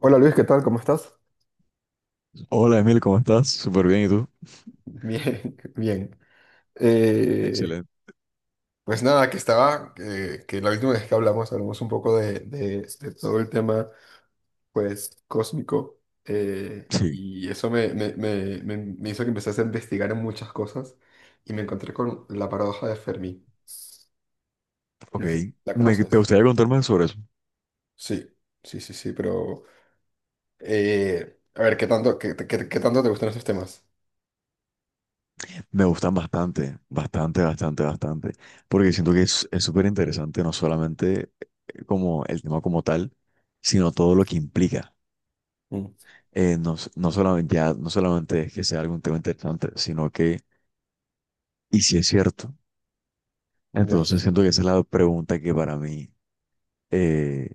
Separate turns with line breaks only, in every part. Hola Luis, ¿qué tal? ¿Cómo estás?
Hola Emil, ¿cómo estás? Súper bien, ¿y tú?
Bien, bien. Eh,
Excelente.
pues nada, que estaba, que la última vez que hablamos, hablamos un poco de, de todo el tema, pues, cósmico,
Sí,
y eso me hizo que empezase a investigar en muchas cosas, y me encontré con la paradoja de Fermi.
ok.
No sé, ¿la
¿Te
conoces?
gustaría contarme sobre eso?
Sí, sí, sí, sí, pero, eh, a ver, ¿qué tanto, qué tanto te gustan esos temas?
Me gustan bastante, bastante, bastante, bastante, porque siento que es súper interesante no solamente como el tema como tal, sino todo lo que implica.
Mm,
No, no solamente, ya, no solamente es que sea algún tema interesante, sino que, y si es cierto,
ya.
entonces siento que esa es la pregunta que para mí eh,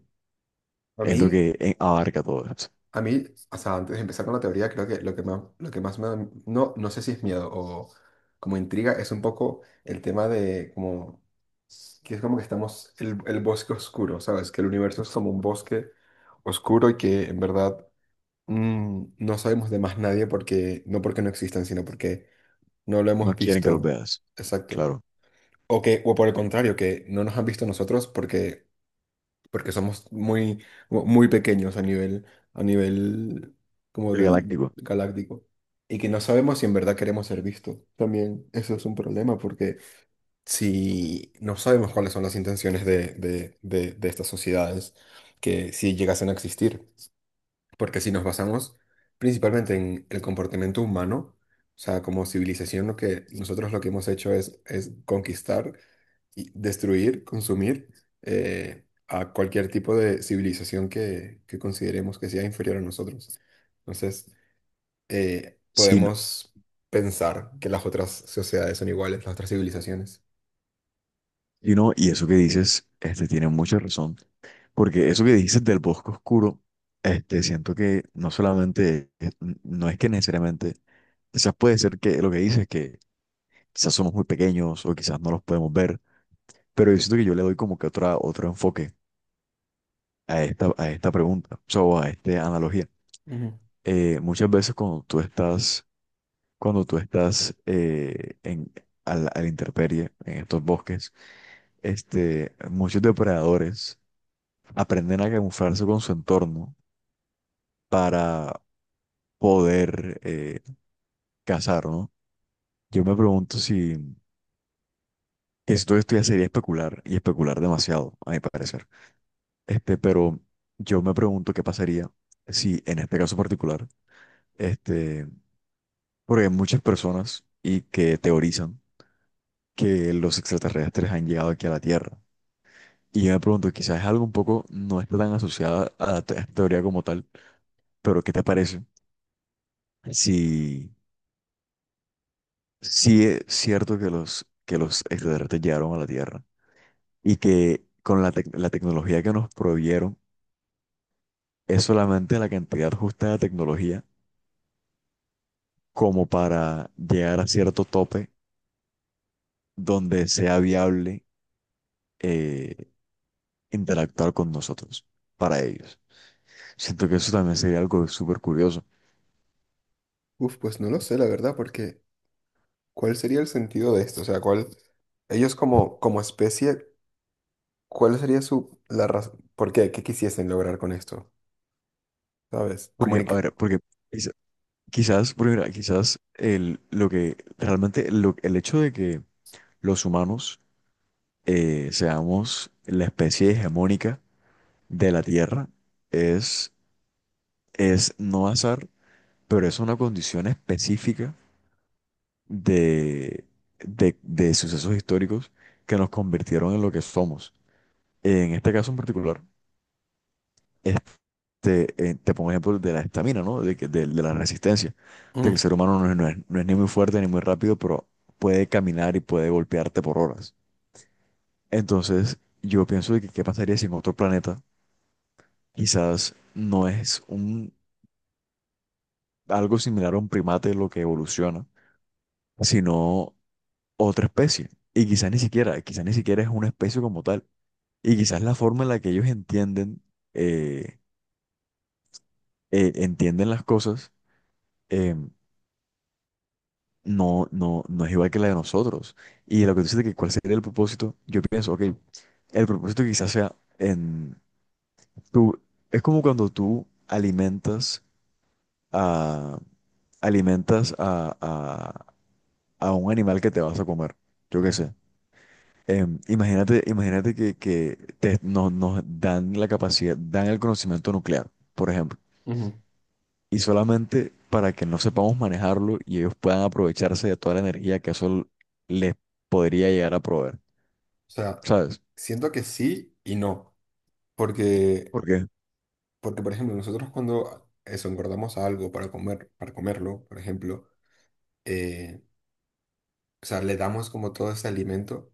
A
es lo
mí...
que abarca todo eso.
A mí, o sea, antes de empezar con la teoría, creo que lo que más me da, no, no sé si es miedo o como intriga, es un poco el tema de como, que es como que estamos, el bosque oscuro, ¿sabes? Que el universo es como un bosque oscuro y que en verdad no sabemos de más nadie porque, no porque no existan, sino porque no lo
No
hemos
quieren que lo
visto.
veas,
Exacto.
claro.
O que, o por el contrario, que no nos han visto nosotros porque porque somos muy, muy pequeños a nivel como
El
del
galáctico.
galáctico. Y que no sabemos si en verdad queremos ser vistos. También eso es un problema, porque si no sabemos cuáles son las intenciones de estas sociedades, que si llegasen a existir. Porque si nos basamos principalmente en el comportamiento humano, o sea, como civilización, lo que nosotros lo que hemos hecho es conquistar y destruir, consumir a cualquier tipo de civilización que consideremos que sea inferior a nosotros. Entonces,
Sí.
podemos pensar que las otras sociedades son iguales, las otras civilizaciones.
Y no, y eso que dices, este, tiene mucha razón, porque eso que dices del bosque oscuro, este, siento que no solamente, no es que necesariamente, quizás puede ser que lo que dices, que quizás somos muy pequeños o quizás no los podemos ver, pero yo siento que yo le doy como que otra, otro enfoque a esta pregunta, o sea, o a esta analogía.
Ujú.
Muchas veces cuando tú estás en, a la intemperie, en estos bosques, este, muchos depredadores aprenden a camuflarse con su entorno para poder cazar, ¿no? Yo me pregunto si todo esto de estudiar sería especular y especular demasiado, a mi parecer. Este, pero yo me pregunto qué pasaría si en este caso particular, este, porque hay muchas personas y que teorizan que los extraterrestres han llegado aquí a la Tierra. Y yo me pregunto, quizás es algo un poco, no está tan asociada a la teoría como tal, pero ¿qué te parece si sí es cierto que los extraterrestres llegaron a la Tierra y que con la tecnología que nos proveyeron es solamente la cantidad justa de tecnología como para llegar a cierto tope donde sea viable eh, interactuar con nosotros para ellos? Siento que eso también sería algo súper curioso.
Uf, pues no lo sé, la verdad, porque ¿cuál sería el sentido de esto? O sea, ¿cuál, ellos como, como especie, cuál sería su, la razón, por qué, qué quisiesen lograr con esto? ¿Sabes?
Porque, a
Comunicar.
ver, porque quizá- quizás, porque mira, quizás lo que realmente el hecho de que los humanos seamos la especie hegemónica de la Tierra es, es no azar, pero es una condición específica de, de sucesos históricos que nos convirtieron en lo que somos. En este caso en particular, este, te pongo ejemplo de la estamina, ¿no? De la resistencia, de que
Ujú,
el ser humano no es ni muy fuerte ni muy rápido, pero puede caminar y puede golpearte por horas. Entonces, yo pienso de que qué pasaría si en otro planeta quizás no es un, algo similar a un primate lo que evoluciona, sino otra especie. Y quizás ni siquiera es una especie como tal. Y quizás la forma en la que ellos eh, entienden las cosas, eh, no, no es igual que la de nosotros. Y lo que tú dices de que cuál sería el propósito, yo pienso, ok, el propósito quizás sea en tú, es como cuando tú alimentas a, alimentas a un animal que te vas a comer. Yo qué
ujú,
sé. Imagínate que nos dan la capacidad, dan el conocimiento nuclear, por ejemplo,
ujú. O
y solamente para que no sepamos manejarlo y ellos puedan aprovecharse de toda la energía que eso les podría llegar a proveer,
sea,
¿sabes?
siento que sí y no. Porque,
Porque,
porque, por ejemplo, nosotros cuando eso, engordamos algo para comer, para comerlo, por ejemplo, eh, o sea, le damos como todo ese alimento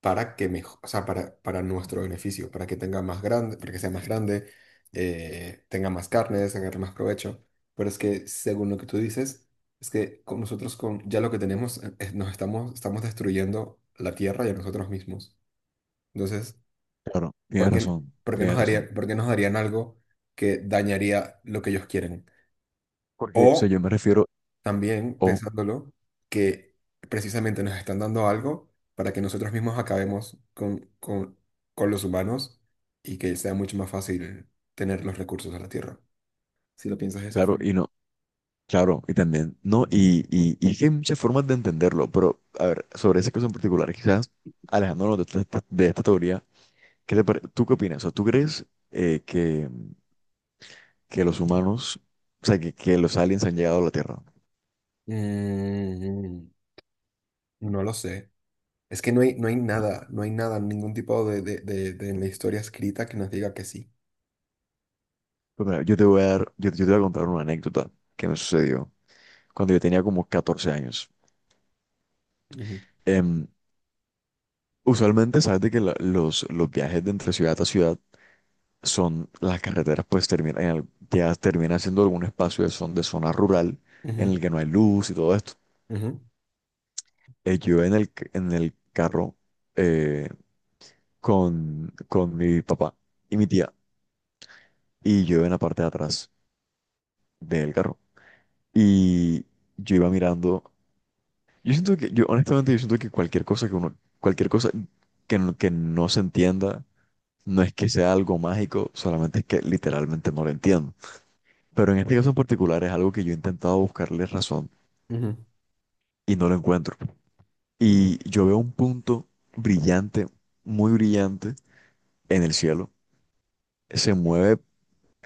para que mejor, o sea, para nuestro beneficio, para que tenga más grande, para que sea más grande, tenga más carne, sacarle más provecho. Pero es que, según lo que tú dices, es que con nosotros con ya lo que tenemos, nos estamos, estamos destruyendo la tierra y a nosotros mismos. Entonces,
claro,
¿por
tienes
qué,
razón,
por qué nos
tienes razón.
daría, por qué nos darían algo que dañaría lo que ellos quieren?
Porque, o
O
sea, yo me refiero,
también,
o,
pensándolo, que precisamente nos están dando algo para que nosotros mismos acabemos con los humanos y que sea mucho más fácil tener los recursos de la Tierra, si lo piensas de esa
claro,
forma.
y no. Claro, y también, no, y es que hay muchas formas de entenderlo, pero a ver, sobre ese caso en particular, quizás alejándonos de esta, teoría, ¿tú qué opinas? O sea, ¿tú crees eh, que, que los humanos, o sea, que los aliens han llegado a la Tierra?
Mm, no lo sé. Es que no hay, no hay nada, no hay nada, ningún tipo de, de en la historia escrita que nos diga que sí.
Pues mira, yo te voy a contar una anécdota que me sucedió cuando yo tenía como 14 años.
Ujú,
Em, Usualmente, sabes de que los viajes de entre ciudad a ciudad son las carreteras, pues termina, ya termina siendo algún espacio de zona rural en
ujú,
el que no hay luz y todo esto.
ujú,
Yo en el carro eh, con mi papá y mi tía, y yo en la parte de atrás del carro. Y yo iba mirando. Yo siento que, yo honestamente, yo siento que cualquier cosa que no se entienda, no es que sea algo mágico, solamente es que literalmente no lo entiendo. Pero en este caso en particular es algo que yo he intentado buscarle razón
ujú,
y no lo encuentro. Y yo veo un punto brillante, muy brillante, en el cielo. Se mueve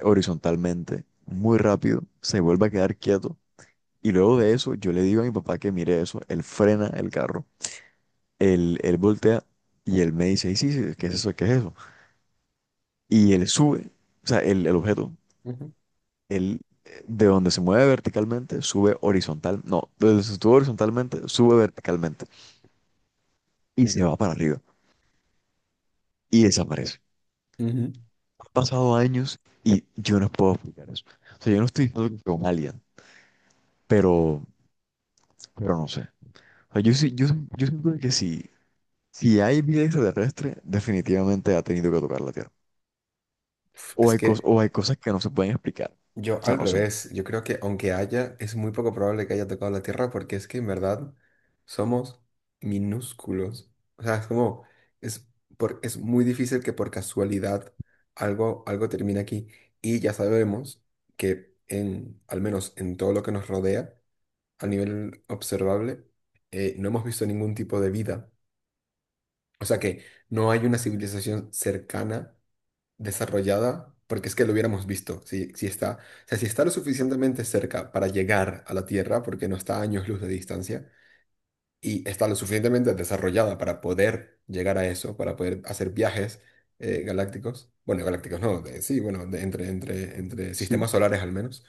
horizontalmente, muy rápido, se vuelve a quedar quieto. Y luego de eso, yo le digo a mi papá que mire eso. Él frena el carro, él voltea y él me dice: "Ey, sí, sí, ¿qué es eso? ¿Qué es eso?" Y él sube, o sea, el objeto,
ujú.
él de donde se mueve verticalmente, sube horizontal. No, de donde se estuvo horizontalmente, sube verticalmente y se
Ok.
va para arriba y desaparece.
Ujú.
Pasado años y yo no puedo explicar eso. O sea, yo no estoy diciendo que sea un alien, pero, pero, no sé. O sea, yo siento que si hay vida extraterrestre, definitivamente ha tenido que tocar la Tierra. O
Es
hay, cos-
que
o hay cosas que no se pueden explicar.
yo
O sea,
al
no sé.
revés, yo creo que aunque haya, es muy poco probable que haya tocado la Tierra porque es que en verdad somos minúsculos. O sea, es como, es, por, es muy difícil que por casualidad algo, algo termine aquí. Y ya sabemos que en, al menos en todo lo que nos rodea, a nivel observable, no hemos visto ningún tipo de vida. O sea que no hay una civilización cercana desarrollada, porque es que lo hubiéramos visto, si, si está, o sea, si está lo
Claro.
suficientemente cerca para llegar a la Tierra, porque no está a años luz de distancia, y está lo suficientemente desarrollada para poder llegar a eso, para poder hacer viajes galácticos, bueno, galácticos no, de- sí, bueno, de- entre, entre, entre
Sí,
sistemas solares al menos,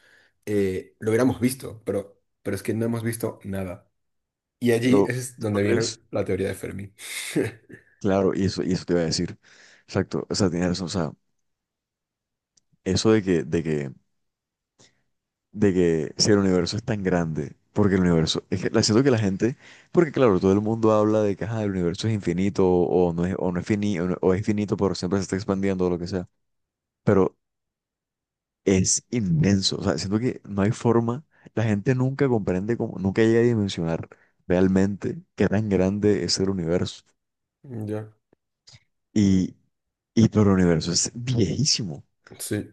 lo hubiéramos visto, pero es que no hemos visto nada. Y allí
pero
es
¿tú ¿no
donde viene
crees?
la teoría de Fermi.
Claro, y eso, te iba a decir. Exacto. O sea, tienes razón. O sea, eso de que si el universo es tan grande, porque el universo, es que la siento que la gente, porque claro, todo el mundo habla de que ajá, el universo es infinito o no es finito, o, no- o es finito, pero siempre se está expandiendo o lo que sea, pero es inmenso, o sea, siento que no hay forma, la gente nunca comprende cómo, nunca llega a dimensionar realmente qué tan grande es el universo.
Ya,
Y, y pero el universo es viejísimo
sí,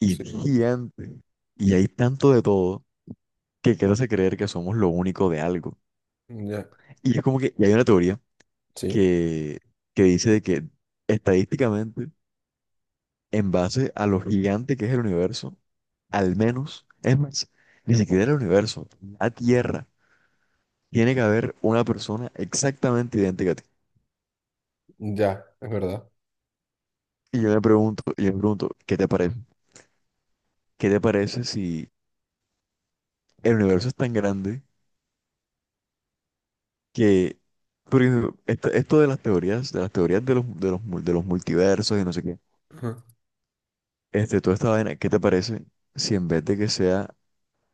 y
sí,
gigante y hay tanto de todo que quieres creer que somos lo único de algo.
ya,
Y es como que, y hay una teoría
sí,
que, que dice de que estadísticamente, en base a lo gigante que es el universo, al menos, es más, ni siquiera el universo, la Tierra, tiene que haber una persona exactamente idéntica a ti.
ya, es verdad.
Y yo me pregunto, ¿qué te parece? ¿Qué te parece si el universo es tan grande que, por ejemplo, esto de las teorías, de los multiversos y no sé qué,
Ajá.
este, toda esta vaina, ¿qué te parece si en vez de que sea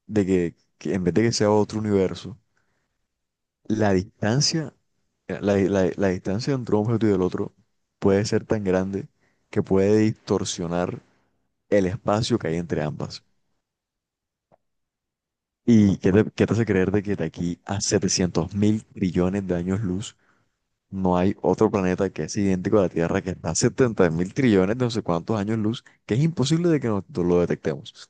de que en vez de que sea otro universo, la distancia, la distancia entre un objeto y el otro puede ser tan grande que puede distorsionar el espacio que hay entre ambas? ¿Y qué te hace creer de que de aquí a 700 mil trillones de años luz no hay otro planeta que es idéntico a la Tierra que está a 70 mil trillones de no sé cuántos años luz, que es imposible de que nosotros lo detectemos,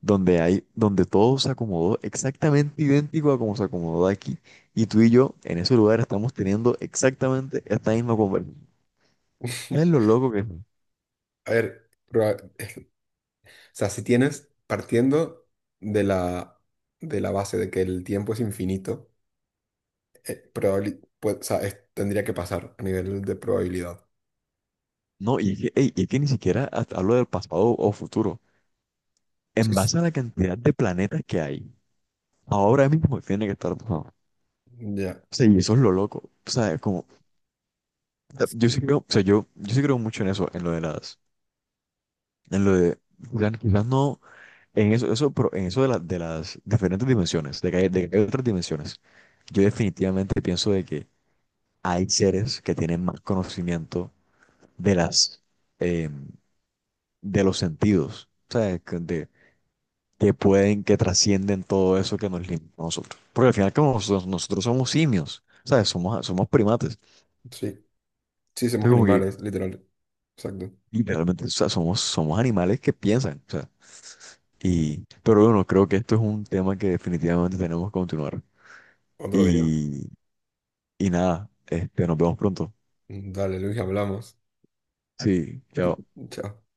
donde todo se acomodó exactamente idéntico a como se acomodó aquí? Y tú y yo en ese lugar estamos teniendo exactamente esta misma conversación. Es lo loco que es.
A ver, o sea, si tienes, partiendo de la, de la base de que el tiempo es infinito, pues, o sea, es- tendría que pasar a nivel de probabilidad.
No, y es que ni siquiera hasta hablo del pasado o futuro. En
Sí, sí,
base a la cantidad de planetas que hay, ahora mismo tiene que estar pasando.
ya,
O sea, y eso es lo loco. O sea, es como, o sea, yo sí creo, o sea, yo sí creo mucho en eso, en lo de las, en lo de, quizás no. En eso, pero en eso de las diferentes dimensiones, de que hay otras dimensiones, yo definitivamente pienso de que hay seres que tienen más conocimiento de las, eh, de los sentidos, o sea, que trascienden todo eso que nos limita a nosotros. Porque al final como nosotros somos simios, ¿sabes? Somos primates.
sí. Sí, somos
Entonces como que
animales, literal. Exacto.
literalmente, o sea, somos animales que piensan, o sea, y, pero bueno, creo que esto es un tema que definitivamente tenemos que continuar.
Otro día.
Y Y nada, este, nos vemos pronto.
Dale, Luis, hablamos.
Sí, chao.
Chao.